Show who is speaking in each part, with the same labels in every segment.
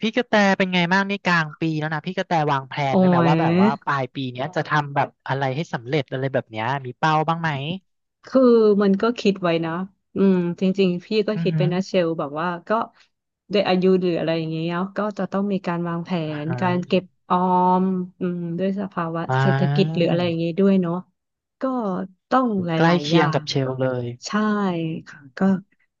Speaker 1: พี่กระแตเป็นไงบ้างนี่กลางปีแล้วนะพี่กระแตวางแผน
Speaker 2: โอ้
Speaker 1: ไว้ไหม
Speaker 2: ย
Speaker 1: ว่าแบบว่าปลายปีเนี้ยจะทำแบบอะไรให้สำเร็จอะไรแบบเนี้ยมีเป้าบ้างไหม
Speaker 2: คือมันก็คิดไว้นะอืมจริงๆพี่ก็
Speaker 1: อือ
Speaker 2: คิด
Speaker 1: หื
Speaker 2: ไป
Speaker 1: อ
Speaker 2: นะเชลแบบว่าก็ด้วยอายุหรืออะไรอย่างเงี้ยเนาะก็จะต้องมีการวางแผ
Speaker 1: อ่า
Speaker 2: น
Speaker 1: ฮะ
Speaker 2: การเก็บออมด้วยสภาวะ
Speaker 1: อ่า
Speaker 2: เศรษฐกิจหรืออะไรอย่างงี้ด้วยเนาะก็ต้องหล
Speaker 1: ใกล้
Speaker 2: ายๆอ
Speaker 1: เคีย
Speaker 2: ย่า
Speaker 1: งกับ
Speaker 2: ง
Speaker 1: เชลเลย
Speaker 2: ใช่ค่ะก็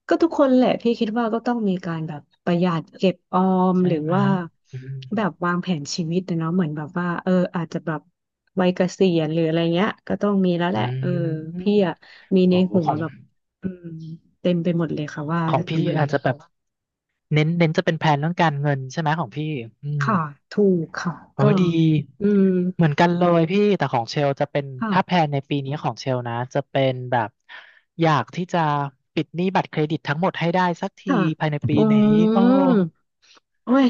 Speaker 2: ก็ทุกคนแหละพี่คิดว่าก็ต้องมีการแบบประหยัดเก็บออม
Speaker 1: ใช่
Speaker 2: หรือ
Speaker 1: ไหม
Speaker 2: ว่า
Speaker 1: อืม
Speaker 2: แบบวางแผนชีวิตนะเนาะเหมือนแบบว่าอาจจะแบบวัยเกษียณหรืออะไรเงี้ยก็ต้องมีแล้วแห
Speaker 1: อื
Speaker 2: ละ
Speaker 1: ม
Speaker 2: พี่อะมีใน
Speaker 1: โอ้
Speaker 2: หัว
Speaker 1: ของ
Speaker 2: แบบอืมเต็มไปหมดเลยค่ะว่า
Speaker 1: ของ
Speaker 2: จะ
Speaker 1: พี่
Speaker 2: ทำอะไร
Speaker 1: อาจจะแบบเน้นจะเป็นแผนเรื่องการเงินใช่ไหมของพี่อืม
Speaker 2: ค่ะถูกค่ะ
Speaker 1: เอ
Speaker 2: ก็
Speaker 1: อดี
Speaker 2: อืม
Speaker 1: เหมือนกันเลยพี่แต่ของเชลจะเป็น
Speaker 2: ค่ะ
Speaker 1: ถ้าแพลนในปีนี้ของเชลนะจะเป็นแบบอยากที่จะปิดหนี้บัตรเครดิตทั้งหมดให้ได้สักที
Speaker 2: ค่ะ
Speaker 1: ภายในปี
Speaker 2: อื
Speaker 1: นี้โอ้
Speaker 2: มโอ้ย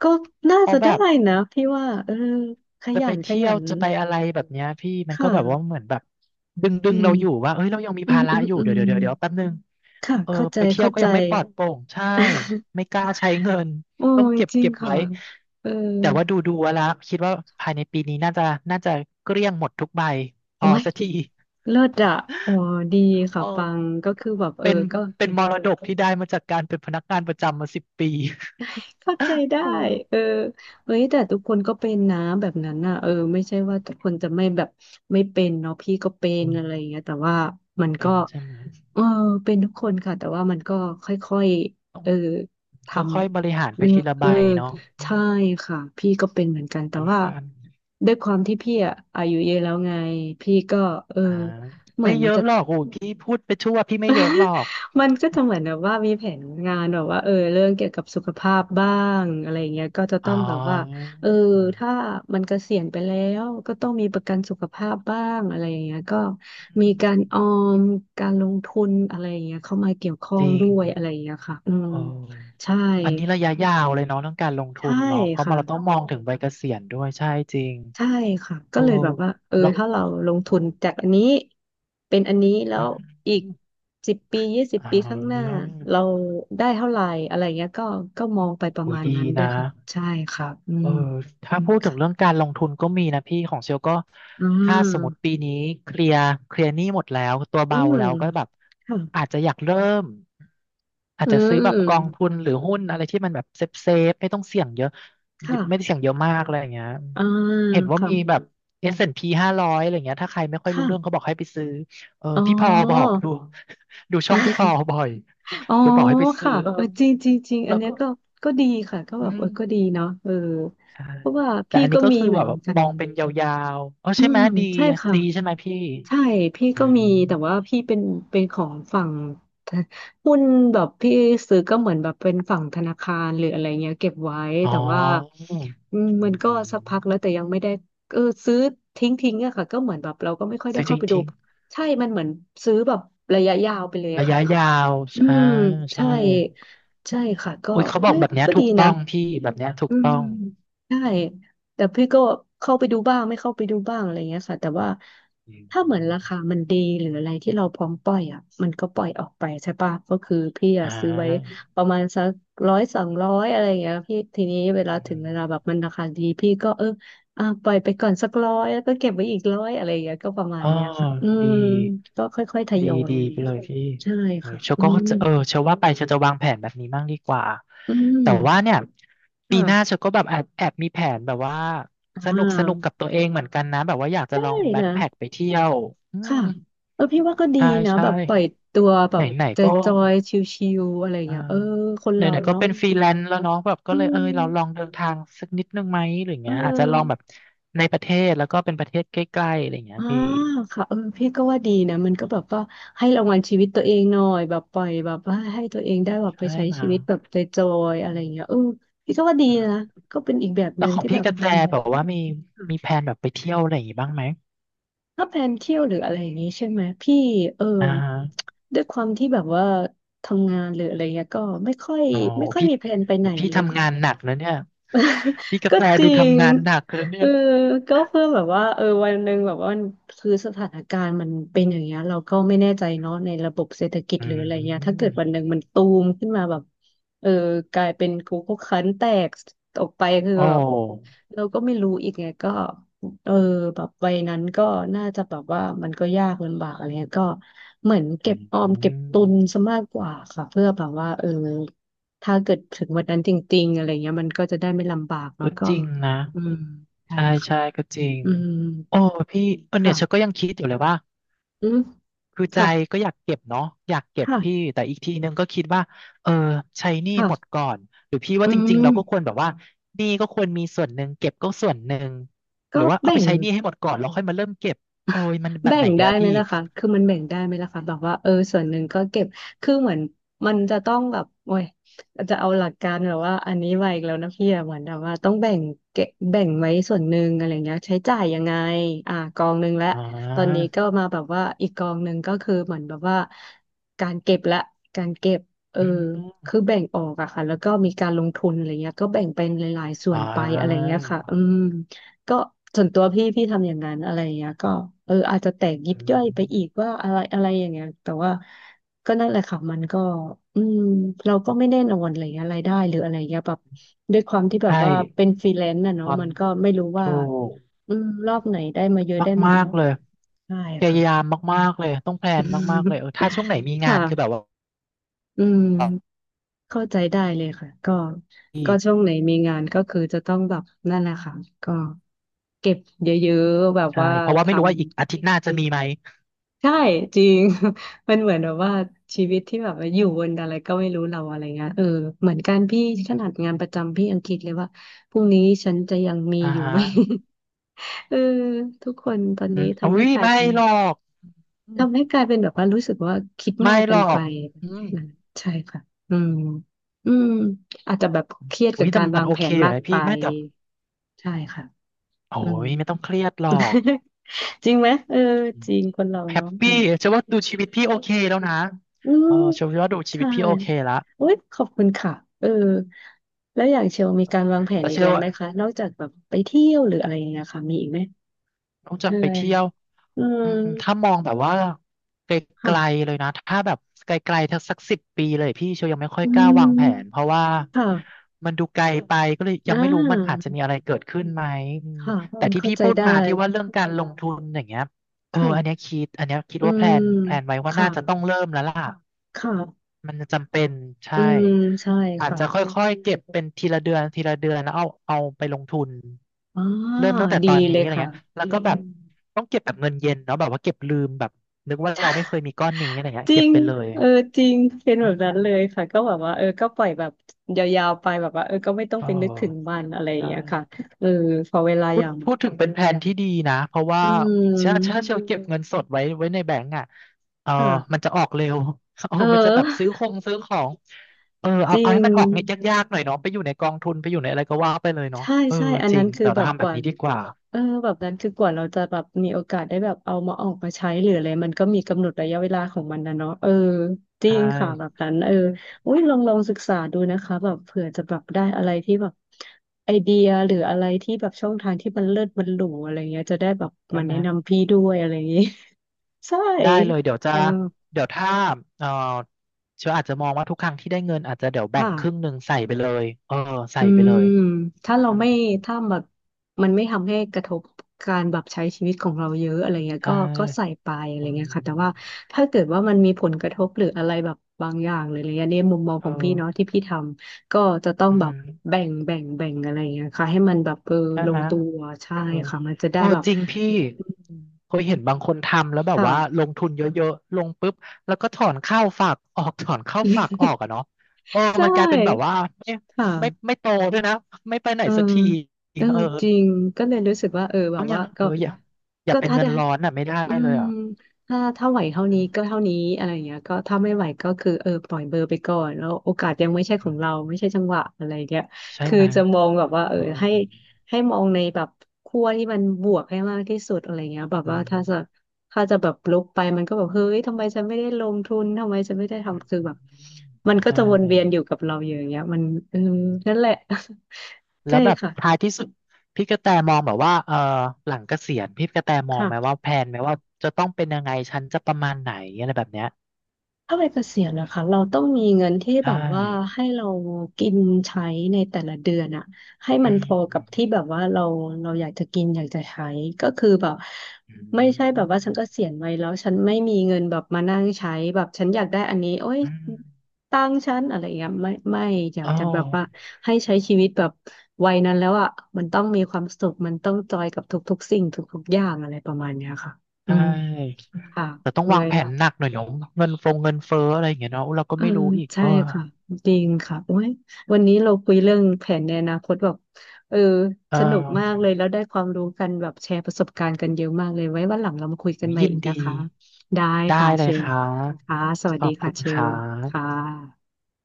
Speaker 2: ก็น่า
Speaker 1: เพ
Speaker 2: จะ
Speaker 1: ราะแบ
Speaker 2: ได้
Speaker 1: บ
Speaker 2: นะพี่ว่าข
Speaker 1: จะ
Speaker 2: ยั
Speaker 1: ไป
Speaker 2: นข
Speaker 1: เที่
Speaker 2: ยั
Speaker 1: ยว
Speaker 2: น
Speaker 1: จะไปอะไรแบบเนี้ยพี่
Speaker 2: ค
Speaker 1: มันก็แบบว่า
Speaker 2: ่ะ
Speaker 1: เหมือนแบบดึงดึ
Speaker 2: อื
Speaker 1: ง
Speaker 2: ม
Speaker 1: เราอยู่ว่าเอ้ยเรายังมี
Speaker 2: อืม
Speaker 1: ภาระ
Speaker 2: อืม
Speaker 1: อยู่
Speaker 2: อื
Speaker 1: เดี๋ยว
Speaker 2: ม
Speaker 1: เดี๋ยวเดี๋ยวเดี๋ยวแป๊บนึง
Speaker 2: ค่ะ
Speaker 1: เออ
Speaker 2: เข้าใจ
Speaker 1: ไปเที่ยว
Speaker 2: เข้า
Speaker 1: ก็
Speaker 2: ใจ
Speaker 1: ยังไม่ปลอดโปร่งใช่ ไม่กล้าใช้เงิน
Speaker 2: โอ้
Speaker 1: ต้อง
Speaker 2: ย
Speaker 1: เก็บ
Speaker 2: จริง
Speaker 1: เก็บ
Speaker 2: ค่ะ
Speaker 1: ไว้
Speaker 2: เออ
Speaker 1: แต่ว่าดูแล้วคิดว่าภายในปีนี้น่าจะเกลี้ยงหมดทุกใบพ
Speaker 2: โอ้
Speaker 1: อ
Speaker 2: ย
Speaker 1: สักที
Speaker 2: เลิศอะอ๋อดี
Speaker 1: เอ
Speaker 2: ค่ะ
Speaker 1: อ
Speaker 2: ปัง ก็คือแบบ เออ
Speaker 1: เป็น
Speaker 2: ก็
Speaker 1: เป็นมรดกที่ได้มาจากการเป็นพนักงานประจำมาสิบปี
Speaker 2: เข้าใจได้
Speaker 1: เออ
Speaker 2: เออเอ้ยแต่ทุกคนก็เป็นนะแบบนั้นน่ะไม่ใช่ว่าทุกคนจะไม่แบบไม่เป็นเนาะพี่ก็เป็น
Speaker 1: อื
Speaker 2: อะไรอ
Speaker 1: ม
Speaker 2: ย่างเงี้ยแต่ว่ามัน
Speaker 1: เป็
Speaker 2: ก็
Speaker 1: นใช่ไหม
Speaker 2: เออเป็นทุกคนค่ะแต่ว่ามันก็ค่อย
Speaker 1: ต้อ
Speaker 2: ๆ
Speaker 1: ง
Speaker 2: ท
Speaker 1: ค่อยๆบริหาร
Speaker 2: ำ
Speaker 1: ไปทีละ
Speaker 2: เอ
Speaker 1: ใบ
Speaker 2: อ
Speaker 1: เนาะอื
Speaker 2: ใช่
Speaker 1: ม
Speaker 2: ค่ะพี่ก็เป็นเหมือนกัน
Speaker 1: เห
Speaker 2: แต่
Speaker 1: มือน
Speaker 2: ว่า
Speaker 1: กัน
Speaker 2: ด้วยความที่พี่อะอายุเยอะแล้วไงพี่ก็เออ
Speaker 1: อ่า
Speaker 2: เหมื
Speaker 1: ไม่
Speaker 2: อน
Speaker 1: เยอะ
Speaker 2: จะ
Speaker 1: หรอกโอ้ยพี่พูดไปชั่วพี่ไม่เยอะหรอ ก
Speaker 2: มันก็จะเหมือนแบบว่ามีแผนงานแบบว่าเรื่องเกี่ยวกับสุขภาพบ้างอะไรเงี้ยก็จะ
Speaker 1: อ๋
Speaker 2: ต้
Speaker 1: อ
Speaker 2: องแบบว่าเออถ้ามันเกษียณไปแล้วก็ต้องมีประกันสุขภาพบ้างอะไรเงี้ยก็มีการออมการลงทุนอะไรเงี้ยเข้ามาเกี่ยวข้อ
Speaker 1: จ
Speaker 2: ง
Speaker 1: ริ
Speaker 2: ด้
Speaker 1: ง
Speaker 2: วยอะไรเงี้ยค่ะอืม
Speaker 1: โอ้
Speaker 2: ใช่
Speaker 1: อันนี้ระยะยาวเลยเนาะเรื่องการลงทุ
Speaker 2: ใช่
Speaker 1: นเนาะเพราะมั
Speaker 2: ค่ะ
Speaker 1: นเราต้องมองถึงใบเกษียณด้วยใช่จริง
Speaker 2: ใช่ค่ะก็
Speaker 1: โอ้
Speaker 2: เลยแบบว่า
Speaker 1: แล้ว
Speaker 2: ถ้าเราลงทุนจากอันนี้เป็นอันนี้แล้
Speaker 1: อ
Speaker 2: วอีก
Speaker 1: ม
Speaker 2: สิบปียี่สิบ
Speaker 1: อ๋
Speaker 2: ปีข้างหน้า
Speaker 1: อ
Speaker 2: เราได้เท่าไหร่อะไรเงี้ยก็มองไปประ
Speaker 1: โอ้ย
Speaker 2: มาณ
Speaker 1: ดี
Speaker 2: นั้นด้ว
Speaker 1: นะ
Speaker 2: ยค่ะใช่ค่ะอื
Speaker 1: เอ
Speaker 2: ม
Speaker 1: อถ้าพูดถึงเรื่อง
Speaker 2: ค่ะ
Speaker 1: การลงทุนก็มีนะพี่ของเซลก็
Speaker 2: อื
Speaker 1: ถ้า
Speaker 2: ม
Speaker 1: สมมติปีนี้เคลียร์เคลียร์หนี้หมดแล้วตัว
Speaker 2: อื
Speaker 1: เบา
Speaker 2: ม
Speaker 1: แล้วก็แบบอาจ
Speaker 2: ค่ะ
Speaker 1: จะอยากเริ่มอาจ
Speaker 2: อื
Speaker 1: จะซื้อแบบกอง
Speaker 2: ม
Speaker 1: ทุนหรือหุ้นอะไรที่มันแบบเซฟไม่ต้องเสี่ยงเยอะ
Speaker 2: ค่ะ
Speaker 1: ไม่ได้เสี่ยงเยอะมากอะไรอย่างเงี้ย
Speaker 2: อ่า
Speaker 1: เห็นว่า
Speaker 2: ค่ะ
Speaker 1: มีแบบ S&P 500อะไรเงี้ยถ้าใครไม่ค่อยรู้เรื่องเขา
Speaker 2: ค่ะ
Speaker 1: บอกให้ไปซื้อเออ
Speaker 2: อ๋อ
Speaker 1: พี่พอบอกดูดูช่องพี่พอ บ่อย
Speaker 2: อ๋อ
Speaker 1: แกบอกให้ไปซื้อ
Speaker 2: ค่ะ
Speaker 1: เออ
Speaker 2: จริงจริงจริงอั
Speaker 1: แล้
Speaker 2: น
Speaker 1: ว
Speaker 2: เนี้ย
Speaker 1: ก็
Speaker 2: ก็ก็ดีค่ะก็
Speaker 1: อื
Speaker 2: แบบ
Speaker 1: ม
Speaker 2: ก็ดีเนาะ
Speaker 1: ใช่
Speaker 2: เพราะว่า
Speaker 1: แต่
Speaker 2: พี่
Speaker 1: อัน
Speaker 2: ก็
Speaker 1: นี้ก็
Speaker 2: มี
Speaker 1: คือ
Speaker 2: เห
Speaker 1: แบ
Speaker 2: มือ
Speaker 1: บ
Speaker 2: นกั
Speaker 1: ม
Speaker 2: น
Speaker 1: องเป็นยาวๆอ๋อ
Speaker 2: อื
Speaker 1: ใช่ไห
Speaker 2: ม
Speaker 1: มดี
Speaker 2: ใช่ค่ะ
Speaker 1: ดีใช่ไหมพี่
Speaker 2: ใช่พี่
Speaker 1: อื
Speaker 2: ก็มี
Speaker 1: ม
Speaker 2: แต่ว่าพี่เป็นเป็นของฝั่งธหุ้นแบบพี่ซื้อก็เหมือนแบบเป็นฝั่งธนาคารหรืออะไรเงี้ยเก็บไว้
Speaker 1: อ๋อ
Speaker 2: แต่ว่าอืม
Speaker 1: อื
Speaker 2: มันก็สักพัก
Speaker 1: ม
Speaker 2: แล้วแต่ยังไม่ได้ซื้อทิ้งทิ้งอะค่ะก็เหมือนแบบเราก็ไม่ค่อยได้
Speaker 1: ซื้อจ
Speaker 2: เข้าไปดู
Speaker 1: ริง
Speaker 2: ใช่มันเหมือนซื้อแบบระยะยาวไปเลย
Speaker 1: ๆ
Speaker 2: อะ
Speaker 1: ระ
Speaker 2: ค่ะ
Speaker 1: ยะ
Speaker 2: เขา
Speaker 1: ยาว
Speaker 2: อื
Speaker 1: อ่า
Speaker 2: ม
Speaker 1: ใช่
Speaker 2: ใช่ใช่ค่ะก็
Speaker 1: อุ้ยเขาบ
Speaker 2: เฮ้
Speaker 1: อก
Speaker 2: ย
Speaker 1: แบบเนี้ย
Speaker 2: ก็
Speaker 1: ถู
Speaker 2: ดี
Speaker 1: กต้
Speaker 2: นะ
Speaker 1: องพี่แบบเนี้ยถู
Speaker 2: อื
Speaker 1: กต้อ
Speaker 2: ม
Speaker 1: ง
Speaker 2: ใช่แต่พี่ก็เข้าไปดูบ้างไม่เข้าไปดูบ้างอะไรเงี้ยค่ะแต่ว่า
Speaker 1: อื
Speaker 2: ถ้าเหมือนรา
Speaker 1: ม
Speaker 2: คามันดีหรืออะไรที่เราพร้อมปล่อยอ่ะมันก็ปล่อยออกไปใช่ปะก็คือพี่
Speaker 1: อ่
Speaker 2: อะซื้อไว้
Speaker 1: า
Speaker 2: ประมาณสักร้อย200อะไรเงี้ยพี่ทีนี้เวลา
Speaker 1: อื
Speaker 2: ถึงเวลาแบ
Speaker 1: ม
Speaker 2: บมันราคาดีพี่ก็อ่ะปล่อยไปก่อนสักร้อยแล้วก็เก็บไว้อีกร้อยอะไรเงี้ยก็ประมาณ
Speaker 1: อ๋อ
Speaker 2: เนี้ยค่ะอื
Speaker 1: ดี
Speaker 2: มก็ค่อยๆท
Speaker 1: ดี
Speaker 2: ยอย
Speaker 1: ดี
Speaker 2: อะไร
Speaker 1: ไป
Speaker 2: เงี้ย
Speaker 1: เลย
Speaker 2: ค่ะ
Speaker 1: พี่
Speaker 2: ใช่
Speaker 1: เออ
Speaker 2: ค่ะ
Speaker 1: เชล
Speaker 2: อื
Speaker 1: ก็
Speaker 2: ม
Speaker 1: จะเออเชลว่าไปเชลจะวางแผนแบบนี้บ้างดีกว่า
Speaker 2: อื
Speaker 1: แต่ว่า
Speaker 2: ม
Speaker 1: เนี่ยปีหน้าเช
Speaker 2: ค่ะ
Speaker 1: ลก็แบบแอบมีแผนแบบว่า
Speaker 2: อ่
Speaker 1: สนุกกั
Speaker 2: า
Speaker 1: บตัวเองเหมือนกันนะแบบว่าอยากจะ
Speaker 2: ได้
Speaker 1: ลองแบ็ค
Speaker 2: นะ
Speaker 1: แพ็คไปเที่ยวอื
Speaker 2: ค่ะ
Speaker 1: ม
Speaker 2: พี่ว่าก็ดี
Speaker 1: ใช่
Speaker 2: นะ
Speaker 1: ใช่
Speaker 2: แบบปล่อยตัวแบ
Speaker 1: ไหน
Speaker 2: บ
Speaker 1: ไหน
Speaker 2: จ
Speaker 1: ก็
Speaker 2: อยๆชิวๆอะไรอย่าง
Speaker 1: เออ
Speaker 2: เงี้ยคน
Speaker 1: ไหน
Speaker 2: เรา
Speaker 1: ไหนก็
Speaker 2: เนาะ
Speaker 1: เป็นฟรีแลนซ์แล้วเนาะแบบ
Speaker 2: เ
Speaker 1: ก็เลยเออเราล
Speaker 2: ออ
Speaker 1: องเดินทางสักนิดนึงไหมหรืออย่าง
Speaker 2: เ
Speaker 1: เงี้ยอาจจะลอง
Speaker 2: ออ
Speaker 1: แบบในประเทศแล้วก็เป็นประเทศใกล้ๆอะไรอย่างเงี้ย
Speaker 2: อ่า
Speaker 1: พี่
Speaker 2: ค่ะพี่ก็ว่าดีนะมันก็แบบว่าให้รางวัลชีวิตตัวเองหน่อยแบบปล่อยแบบว่าให้ตัวเองได้แบบไป
Speaker 1: ใช่
Speaker 2: ใช้ชี
Speaker 1: มา
Speaker 2: วิตแบบจอยๆอะไรอย่างเงี้ยพี่ก็ว่าดีนะก็เป็นอีกแบบ
Speaker 1: แล้
Speaker 2: ห
Speaker 1: ว
Speaker 2: นึ่ง
Speaker 1: ของ
Speaker 2: ที่แบ
Speaker 1: พี่
Speaker 2: บ
Speaker 1: กระ
Speaker 2: อื
Speaker 1: แต
Speaker 2: ม
Speaker 1: แบบว่ามี
Speaker 2: ค่ะ
Speaker 1: มีแพลนแบบไปเที่ยวอะไรอย่างงี้บ้างไหม
Speaker 2: ถ้าแพลนเที่ยวหรืออะไรอย่างงี้ใช่ไหมพี่เออ
Speaker 1: อ่าฮะ
Speaker 2: ด้วยความที่แบบว่าทำงานหรืออะไรเงี้ยก็ไม่ค่อย
Speaker 1: อ๋อ
Speaker 2: ไม่ค่อย
Speaker 1: พี่
Speaker 2: มีแพลนไปไหน
Speaker 1: พี่
Speaker 2: เลย
Speaker 1: ทำ
Speaker 2: ค่ะ
Speaker 1: งานหนักนะเนี่ยพี่ก ระ
Speaker 2: ก็
Speaker 1: แต
Speaker 2: จ
Speaker 1: ดู
Speaker 2: ริง
Speaker 1: ทำงานหนักเลยเนี่
Speaker 2: เออ
Speaker 1: ย
Speaker 2: ก็เพื่อแบบว่าวันหนึ่งแบบว่ามันคือสถานการณ์มันเป็นอย่างเงี้ยเราก็ไม่แน่ใจเนาะในระบบเศรษฐกิจ
Speaker 1: อื
Speaker 2: หรืออะไรเงี้ยถ้าเกิด
Speaker 1: ม
Speaker 2: วันหนึ่งมันตูมขึ้นมาแบบเออกลายเป็นคุกคุกคันแตกออกไปคือ
Speaker 1: โอ้
Speaker 2: แบบ เราก็ไม่รู้อีกไงก็เออแบบวัยนั้นก็น่าจะแบบว่ามันก็ยากลำบากอะไรเงี้ยก็เหมือนเก็
Speaker 1: อื
Speaker 2: บออมเก็บตุน
Speaker 1: ม
Speaker 2: ซะมากกว่าค่ะเพื่อแบบว่าถ้าเกิดถึงวันนั้นจริงๆอะไรเงี้ยมันก็จะได้ไม่ลำบากแล้ว
Speaker 1: ก็
Speaker 2: ก็
Speaker 1: จริงนะ
Speaker 2: อืมใช่
Speaker 1: ใช่
Speaker 2: ค่ะ
Speaker 1: ใช่ก็จริง
Speaker 2: อืม
Speaker 1: โอ้พี่เออเนี่ยฉันก็
Speaker 2: ค่ะ
Speaker 1: ยังคิดอยู่เลยว่า
Speaker 2: อืม
Speaker 1: คือใจ
Speaker 2: ค่ะ
Speaker 1: ก็อยากเก็บเนาะอยากเก็บพี่
Speaker 2: ค่ะ
Speaker 1: แต่อีกทีนึงก็คิดว่าเออใช้หนี้หมด
Speaker 2: ค่ะ
Speaker 1: ก่อนหรือพี่ว่า
Speaker 2: อื
Speaker 1: จริงๆเราก็ควร
Speaker 2: ม
Speaker 1: แบบว่าหนี้ก็ควรมีส่วนหนึ่งเก็บก็ส่วนหนึ่งหรื
Speaker 2: ก็
Speaker 1: อว่าเอาไป
Speaker 2: แบ่ง
Speaker 1: ใช้หนี้ให้หมดก่อนแล้วค่อยมาเริ่มเก็บโอ้ยมันแบบ
Speaker 2: แบ่
Speaker 1: ไหน
Speaker 2: ง
Speaker 1: เดี
Speaker 2: ได้
Speaker 1: ย
Speaker 2: ไหม
Speaker 1: พี่
Speaker 2: ล่ะคะคือมันแบ่งได้ไหมล่ะคะแบบว่าเออส่วนหนึ่งก็เก็บคือเหมือนมันจะต้องแบบโอ้ยจะเอาหลักการแบบว่าอันนี้ไว้อีกแล้วนะพี่อะเหมือนแบบว่าต้องแบ่งเก็บแบ่งไว้ส่วนหนึ่งอะไรเงี้ยใช้จ่ายยังไงกองหนึ่งละ
Speaker 1: อ๋อ
Speaker 2: ตอนนี้ก็มาแบบว่าอีกกองหนึ่งก็คือเหมือนแบบว่าการเก็บละการเก็บเออ
Speaker 1: อืม
Speaker 2: คือแบ่งออกอะค่ะแล้วก็มีการลงทุนอะไรเงี้ยก็แบ่งเป็นหลายๆส่
Speaker 1: อ๋
Speaker 2: วนไปอะไร
Speaker 1: อ
Speaker 2: เงี้ยค่ะอืม ก็ส่วนตัวพี่ทำอย่างนั้นอะไรอย่างเงี้ยก็เอออาจจะแตกยิบ
Speaker 1: อื
Speaker 2: ย่อยไปอีก
Speaker 1: ม
Speaker 2: ว่าอะไรอะไรอย่างเงี้ยแต่ว่าก็นั่นแหละค่ะมันก็อืมเราก็ไม่แน่นอนอะไรเงี้ยรายได้หรืออะไรเงี้ยแบบด้วยความที่แบ
Speaker 1: ใช่
Speaker 2: บว่าเป็นฟรีแลนซ์น่ะ
Speaker 1: ค
Speaker 2: เนาะ
Speaker 1: วาม
Speaker 2: มันก็ไม่รู้ว่า
Speaker 1: ถูก
Speaker 2: อืมรอบไหนได้มาเยอะได้มา
Speaker 1: มา
Speaker 2: น้
Speaker 1: ก
Speaker 2: อ
Speaker 1: ๆเล
Speaker 2: ย
Speaker 1: ย
Speaker 2: ใช่
Speaker 1: พ
Speaker 2: ค่ะ
Speaker 1: ยายามมากๆเลยต้องแพล
Speaker 2: อื
Speaker 1: นมากๆเลยเออ
Speaker 2: ม
Speaker 1: ถ้าช่วงไหนมีงา
Speaker 2: ค่ะ
Speaker 1: นคือแบบว่า
Speaker 2: อืมเข้าใจได้เลยค่ะก็
Speaker 1: พี่
Speaker 2: ก็ช่วงไหนมีงานก็คือจะต้องแบบนั่นแหละค่ะก็เก็บเยอะๆแบบ
Speaker 1: ใช่
Speaker 2: ว่า
Speaker 1: เพราะว่าไม่
Speaker 2: ทำ
Speaker 1: รู้ว่าอีกอาทิตย์หน้าจะมีไหม
Speaker 2: ใช่จริง มันเหมือนแบบว่าชีวิตที่แบบว่าอยู่บนอะไรก็ไม่รู้เราอะไรเงี้ยเออเหมือนกันพี่ขนาดงานประจำพี่ยังคิดเลยว่าพรุ่งนี้ฉันจะยังมี
Speaker 1: อ่า
Speaker 2: อยู่
Speaker 1: ฮะ
Speaker 2: ไหม เออทุกคนตอน
Speaker 1: อื
Speaker 2: นี้
Speaker 1: มอุ้
Speaker 2: ทำให้
Speaker 1: ย
Speaker 2: กลาย
Speaker 1: ไม่
Speaker 2: เป็น
Speaker 1: หรอกอืม
Speaker 2: ทำให้กลายเป็นแบบว่ารู้สึกว่าคิด
Speaker 1: ไม่
Speaker 2: มาก
Speaker 1: ห
Speaker 2: กั
Speaker 1: ร
Speaker 2: น
Speaker 1: อ
Speaker 2: ไป
Speaker 1: กอืม
Speaker 2: นะใช่ค่ะอืมอืมอาจจะแบบเครียดกั
Speaker 1: อุ้
Speaker 2: บ
Speaker 1: ยแต่
Speaker 2: การ
Speaker 1: มั
Speaker 2: วา
Speaker 1: น
Speaker 2: ง
Speaker 1: โอ
Speaker 2: แผ
Speaker 1: เค
Speaker 2: น
Speaker 1: อยู่
Speaker 2: มาก
Speaker 1: นะ
Speaker 2: ไป
Speaker 1: พี่ไม่แต่
Speaker 2: ใช่ค่ะ
Speaker 1: โอ้
Speaker 2: อืม
Speaker 1: ยไม่ต้องเครียดหรอ ก
Speaker 2: จริงไหมเออ
Speaker 1: อืม
Speaker 2: จริงคนเรา
Speaker 1: แฮป
Speaker 2: เนาะ
Speaker 1: ปี้เชื่อว่าดูชีวิตพี่โอเคแล้วนะ
Speaker 2: อืม
Speaker 1: เออเชื่อว่าดูชีวิ
Speaker 2: ใช่
Speaker 1: ตพี่โอเคละ
Speaker 2: โอ้ยขอบคุณค่ะเออแล้วอย่างเชลมีการวางแผน
Speaker 1: แต่
Speaker 2: อีก
Speaker 1: เชื่
Speaker 2: อะ
Speaker 1: อ
Speaker 2: ไรไห
Speaker 1: ว่า
Speaker 2: มคะนอกจากแบบไปเที่ยวหรืออะไรอย่างเงี้ยค่ะมีอีกไหม
Speaker 1: ต้องจะ
Speaker 2: ใช่
Speaker 1: ไปเที่ยว
Speaker 2: อื
Speaker 1: อืมถ้า
Speaker 2: ม
Speaker 1: มองแบบว่าไกล
Speaker 2: ค่ะ
Speaker 1: ๆเลยนะถ้าแบบไกลๆถ้าสักสิบปีเลยพี่เชลยังไม่ค่อย
Speaker 2: อื
Speaker 1: กล้าวางแผนเพ
Speaker 2: ม
Speaker 1: ราะว่า
Speaker 2: ค่ะ
Speaker 1: มันดูไกลไปก็เลยยัง
Speaker 2: อ่า
Speaker 1: ไม่รู้มันอาจจะมีอะไรเกิดขึ้นไหมอืม
Speaker 2: ค่ะอื
Speaker 1: แต่
Speaker 2: ม
Speaker 1: ที่
Speaker 2: เข้า
Speaker 1: พี่
Speaker 2: ใจ
Speaker 1: พูด
Speaker 2: ได้
Speaker 1: มาที่ว่าเรื่องการลงทุนอย่างเงี้ยเอออันเนี้ย
Speaker 2: ค่ะ
Speaker 1: คิดอันเนี้ยคิด
Speaker 2: อื
Speaker 1: ว่าแพล
Speaker 2: ม
Speaker 1: นแพลนไว้ว่า
Speaker 2: ค่ะ
Speaker 1: น่าจะต้องเริ่มแล้วล่ะ
Speaker 2: ค่ะ
Speaker 1: มันจำเป็น
Speaker 2: อื
Speaker 1: ใช่
Speaker 2: มใช่
Speaker 1: อาจจะค
Speaker 2: ค่ะ
Speaker 1: ่อยๆเก็บเป็นทีละเดือนแล้วเอาเอาไปลงทุน
Speaker 2: อ่า
Speaker 1: เริ่มตั้งแต่
Speaker 2: ดี
Speaker 1: ตอน
Speaker 2: เล
Speaker 1: นี้
Speaker 2: ย
Speaker 1: อะไร
Speaker 2: ค่ะ
Speaker 1: เงี้ยแล้วก็
Speaker 2: อื
Speaker 1: แบบ
Speaker 2: ม
Speaker 1: ต้องเก็บแบบเงินเย็นเนาะแบบว่าเก็บลืมแบบนึกว่าเราไม่เคยมีก้อนนี้อะไรเงี้ย
Speaker 2: จริ
Speaker 1: เก็บ
Speaker 2: ง
Speaker 1: ไปเลย
Speaker 2: เออจริงเป็นแบ
Speaker 1: อื
Speaker 2: บนั้นเลย
Speaker 1: ม
Speaker 2: ค่ะก็แบบว่าเออก็ปล่อยแบบยาวๆไปแบบว่าเออก็ไม่ต้อง
Speaker 1: เอ
Speaker 2: ไปนึกถึง
Speaker 1: อ
Speaker 2: มันอะไรอย่าง
Speaker 1: ใช่
Speaker 2: เงี้ยค่ะเออพอเวลา
Speaker 1: พู
Speaker 2: อ
Speaker 1: ด
Speaker 2: ย่าง
Speaker 1: พูดถึงเป็นแผนที่ดีนะเพราะว่า
Speaker 2: อื
Speaker 1: ถ้าถ้า
Speaker 2: ม
Speaker 1: เชลเก็บเงินสดไว้ไว้ในแบงก์อ่ะเออมัน
Speaker 2: ค่ะ
Speaker 1: จะออกเร็ว เออ
Speaker 2: เอ
Speaker 1: มันจะแบบซื้อ
Speaker 2: อ
Speaker 1: คงซื้อของเออ
Speaker 2: จ
Speaker 1: เอา
Speaker 2: ริ
Speaker 1: เอาให้
Speaker 2: ง
Speaker 1: มันออกเนี่ยยากๆหน่อยเนาะไปอยู่ในกองทุนไปอยู่ในอะไรก็ว่าไปเลยเนาะ
Speaker 2: ใช่
Speaker 1: เออ
Speaker 2: ใช่อัน
Speaker 1: จริ
Speaker 2: นั้น
Speaker 1: ง
Speaker 2: คือ
Speaker 1: แต่
Speaker 2: แบ
Speaker 1: เรา
Speaker 2: บ
Speaker 1: ทำ
Speaker 2: ก
Speaker 1: แบบ
Speaker 2: ว่า
Speaker 1: นี้ดีกว่า
Speaker 2: เออแบบนั้นคือกว่าเราจะแบบมีโอกาสได้แบบเอามาออกมาใช้หรืออะไรมันก็มีกำหนดระยะเวลาของมันนะเนาะเออจริ
Speaker 1: ใช่
Speaker 2: งค่ะแบบนั้นเอออุ้ยลองศึกษาดูนะคะแบบเผื่อจะแบบได้อะไรที่แบบไอเดียหรืออะไรที่แบบช่องทางที่มันเลิศมันหรูอะไรเงี้ยจะได้แบบ
Speaker 1: ได้
Speaker 2: มา
Speaker 1: ไหม
Speaker 2: แนะนำพี่ด้วยอะไรอย่างงี้ ใช่
Speaker 1: ได้เลยเดี๋ยวจะ
Speaker 2: เออ
Speaker 1: เดี๋ยวถ้าเออเชลอาจจะมองว่าทุกครั้งที่ได้เงินอาจจะเดี๋ยวแบ่งครึ่ง
Speaker 2: ค่ะ
Speaker 1: หนึ่งใส่ไปเลยเออใส่
Speaker 2: อื
Speaker 1: ไปเล
Speaker 2: ม
Speaker 1: ย
Speaker 2: ถ้า
Speaker 1: อื
Speaker 2: เราไม่
Speaker 1: ม
Speaker 2: ถ้าแบบมันไม่ทำให้กระทบการแบบใช้ชีวิตของเราเยอะอะไรเงี้ย
Speaker 1: ใช่
Speaker 2: ก็ใส่ไปอะไร
Speaker 1: อื
Speaker 2: เงี้ยค่ะแต่ว่า
Speaker 1: ม
Speaker 2: ถ้าเกิดว่ามันมีผลกระทบหรืออะไรแบบบางอย่างเลยอะไรเงี้ยในมุมมอง
Speaker 1: เอ
Speaker 2: ข
Speaker 1: อ
Speaker 2: องพี่เนาะที่พี่ทำก็จะต้อง
Speaker 1: อื
Speaker 2: แบบ
Speaker 1: ม
Speaker 2: แบ่งอะไรเงี้ยค่ะให้มันแบบเออ
Speaker 1: ใช่
Speaker 2: ล
Speaker 1: ไหม
Speaker 2: งตัวใช่
Speaker 1: เออ
Speaker 2: ค่ะมันจะได้
Speaker 1: เออ
Speaker 2: แบบ
Speaker 1: จริงพี่
Speaker 2: อืม
Speaker 1: เคยเห็นบางคนทำแล้วแบบ
Speaker 2: ค่ะ
Speaker 1: ว่าลงทุนเยอะๆลงปุ๊บแล้วก็ถอนเข้าฝากออกถอนเข้าฝากออกอะเนาะเออ
Speaker 2: ใช่
Speaker 1: มันกลายเป็นแบบว่าไม่
Speaker 2: ค่ะ
Speaker 1: ไม่ไม่โตด้วยนะไม่ไปไหน
Speaker 2: เออ
Speaker 1: สักที
Speaker 2: เออ
Speaker 1: เออ
Speaker 2: จริงก็เลยรู้สึกว่าเออแบ
Speaker 1: ต้อ
Speaker 2: บ
Speaker 1: งยั
Speaker 2: ว่า
Speaker 1: ง
Speaker 2: ก็
Speaker 1: เอออย่า
Speaker 2: ก็
Speaker 1: เป็น
Speaker 2: ถ้า
Speaker 1: เงิ
Speaker 2: ได้
Speaker 1: นร้อนอ่ะไม่ได้
Speaker 2: อื
Speaker 1: เล
Speaker 2: ม
Speaker 1: ยอ่ะ
Speaker 2: ถ้าไหวเท่านี้ก็เท่านี้อะไรอย่างเงี้ยก็ถ้าไม่ไหวก็คือเออปล่อยเบอร์ไปก่อนแล้วโอกาสยังไม่ใช่ของ
Speaker 1: อื
Speaker 2: เราไม่ใช่
Speaker 1: ม
Speaker 2: จังหวะอะไรอย่างเงี้ย
Speaker 1: ใช่
Speaker 2: คือ
Speaker 1: ไหม
Speaker 2: จะมองแบบว่าเออ
Speaker 1: เออ
Speaker 2: ให้มองในแบบขั้วที่มันบวกให้มากที่สุดอะไรเงี้ยแบบ
Speaker 1: อื
Speaker 2: ว่า
Speaker 1: ม
Speaker 2: ถ้าจะแบบลบไปมันก็แบบเฮ้ยทำไมฉันไม่ได้ลงทุนทำไมฉันไม่ได้
Speaker 1: อ
Speaker 2: ทำคือ
Speaker 1: ื
Speaker 2: แบบ
Speaker 1: ม
Speaker 2: มันก็
Speaker 1: ใช
Speaker 2: จะวนเวียนอยู่
Speaker 1: ่
Speaker 2: กับเราอยู่อย่างเงี้ยมันเออนั่นแหละ
Speaker 1: แล้
Speaker 2: ใช่
Speaker 1: วแบบ
Speaker 2: ค่ะ
Speaker 1: ท้ายที่สุดพี่กระแตมองแบบว่าเออหลังเกษียณพี่กระแตมองไหม
Speaker 2: ค่ะ
Speaker 1: ว่าแผนไหมว่าจะต้องเป็นยังไงฉันจะประมาณไหนอะไรแบบเนี้ย
Speaker 2: ถ้าไปเกษียณนะคะเราต้องมีเงินที่
Speaker 1: ใช่
Speaker 2: แบบว่าให้เรากินใช้ในแต่ละเดือนอะให้มั
Speaker 1: อื
Speaker 2: นพอกับที่
Speaker 1: ม
Speaker 2: แบบว่าเราอยากจะกินอยากจะใช้ก็คือแบบ
Speaker 1: อื
Speaker 2: ไม่ใช่แบบว่าฉันเก
Speaker 1: ม
Speaker 2: ษียณไว้แล้วฉันไม่มีเงินแบบมานั่งใช้แบบฉันอยากได้อันนี้โอ๊ย
Speaker 1: อืม
Speaker 2: ตังค์ฉันอะไรอย่างเงี้ยไม่อยาก
Speaker 1: อ้า
Speaker 2: จะ
Speaker 1: ว
Speaker 2: แบบว่าให้ใช้ชีวิตแบบวัยนั้นแล้วอะมันต้องมีความสุขมันต้องจอยกับทุกๆสิ่งทุกๆอย่างอะไรประมาณเนี้ยค่ะ
Speaker 1: ใช
Speaker 2: อืม
Speaker 1: ่
Speaker 2: ค่ะ
Speaker 1: แต่ต้อง
Speaker 2: เล
Speaker 1: วาง
Speaker 2: ย
Speaker 1: แผนหนักหน่อยเนาะเงินฟงเงินเฟ้ออะไรอย่างเงี้ยเนาะเราก็
Speaker 2: เออ
Speaker 1: ไม่รู้อีก
Speaker 2: ใช่
Speaker 1: เออ
Speaker 2: ค่ะจริงค่ะโอ้ยวันนี้เราคุยเรื่องแผนในอนาคตแบบเออ
Speaker 1: เอ
Speaker 2: สนุกมาก
Speaker 1: อ
Speaker 2: เลยแล้วได้ความรู้กันแบบแชร์ประสบการณ์กันเยอะมากเลยไว้วันหลังเรามาคุยกันใหม่
Speaker 1: ยิน
Speaker 2: อีกนะ
Speaker 1: ดี
Speaker 2: คะได้
Speaker 1: ได้
Speaker 2: ค่ะ
Speaker 1: เล
Speaker 2: เช
Speaker 1: ยค
Speaker 2: ล
Speaker 1: รับ
Speaker 2: ค่ะสวัส
Speaker 1: ขอ
Speaker 2: ดี
Speaker 1: บคุ
Speaker 2: ค่ะ
Speaker 1: ณ
Speaker 2: เช
Speaker 1: ค
Speaker 2: ล
Speaker 1: รั
Speaker 2: ค่
Speaker 1: บ
Speaker 2: ะ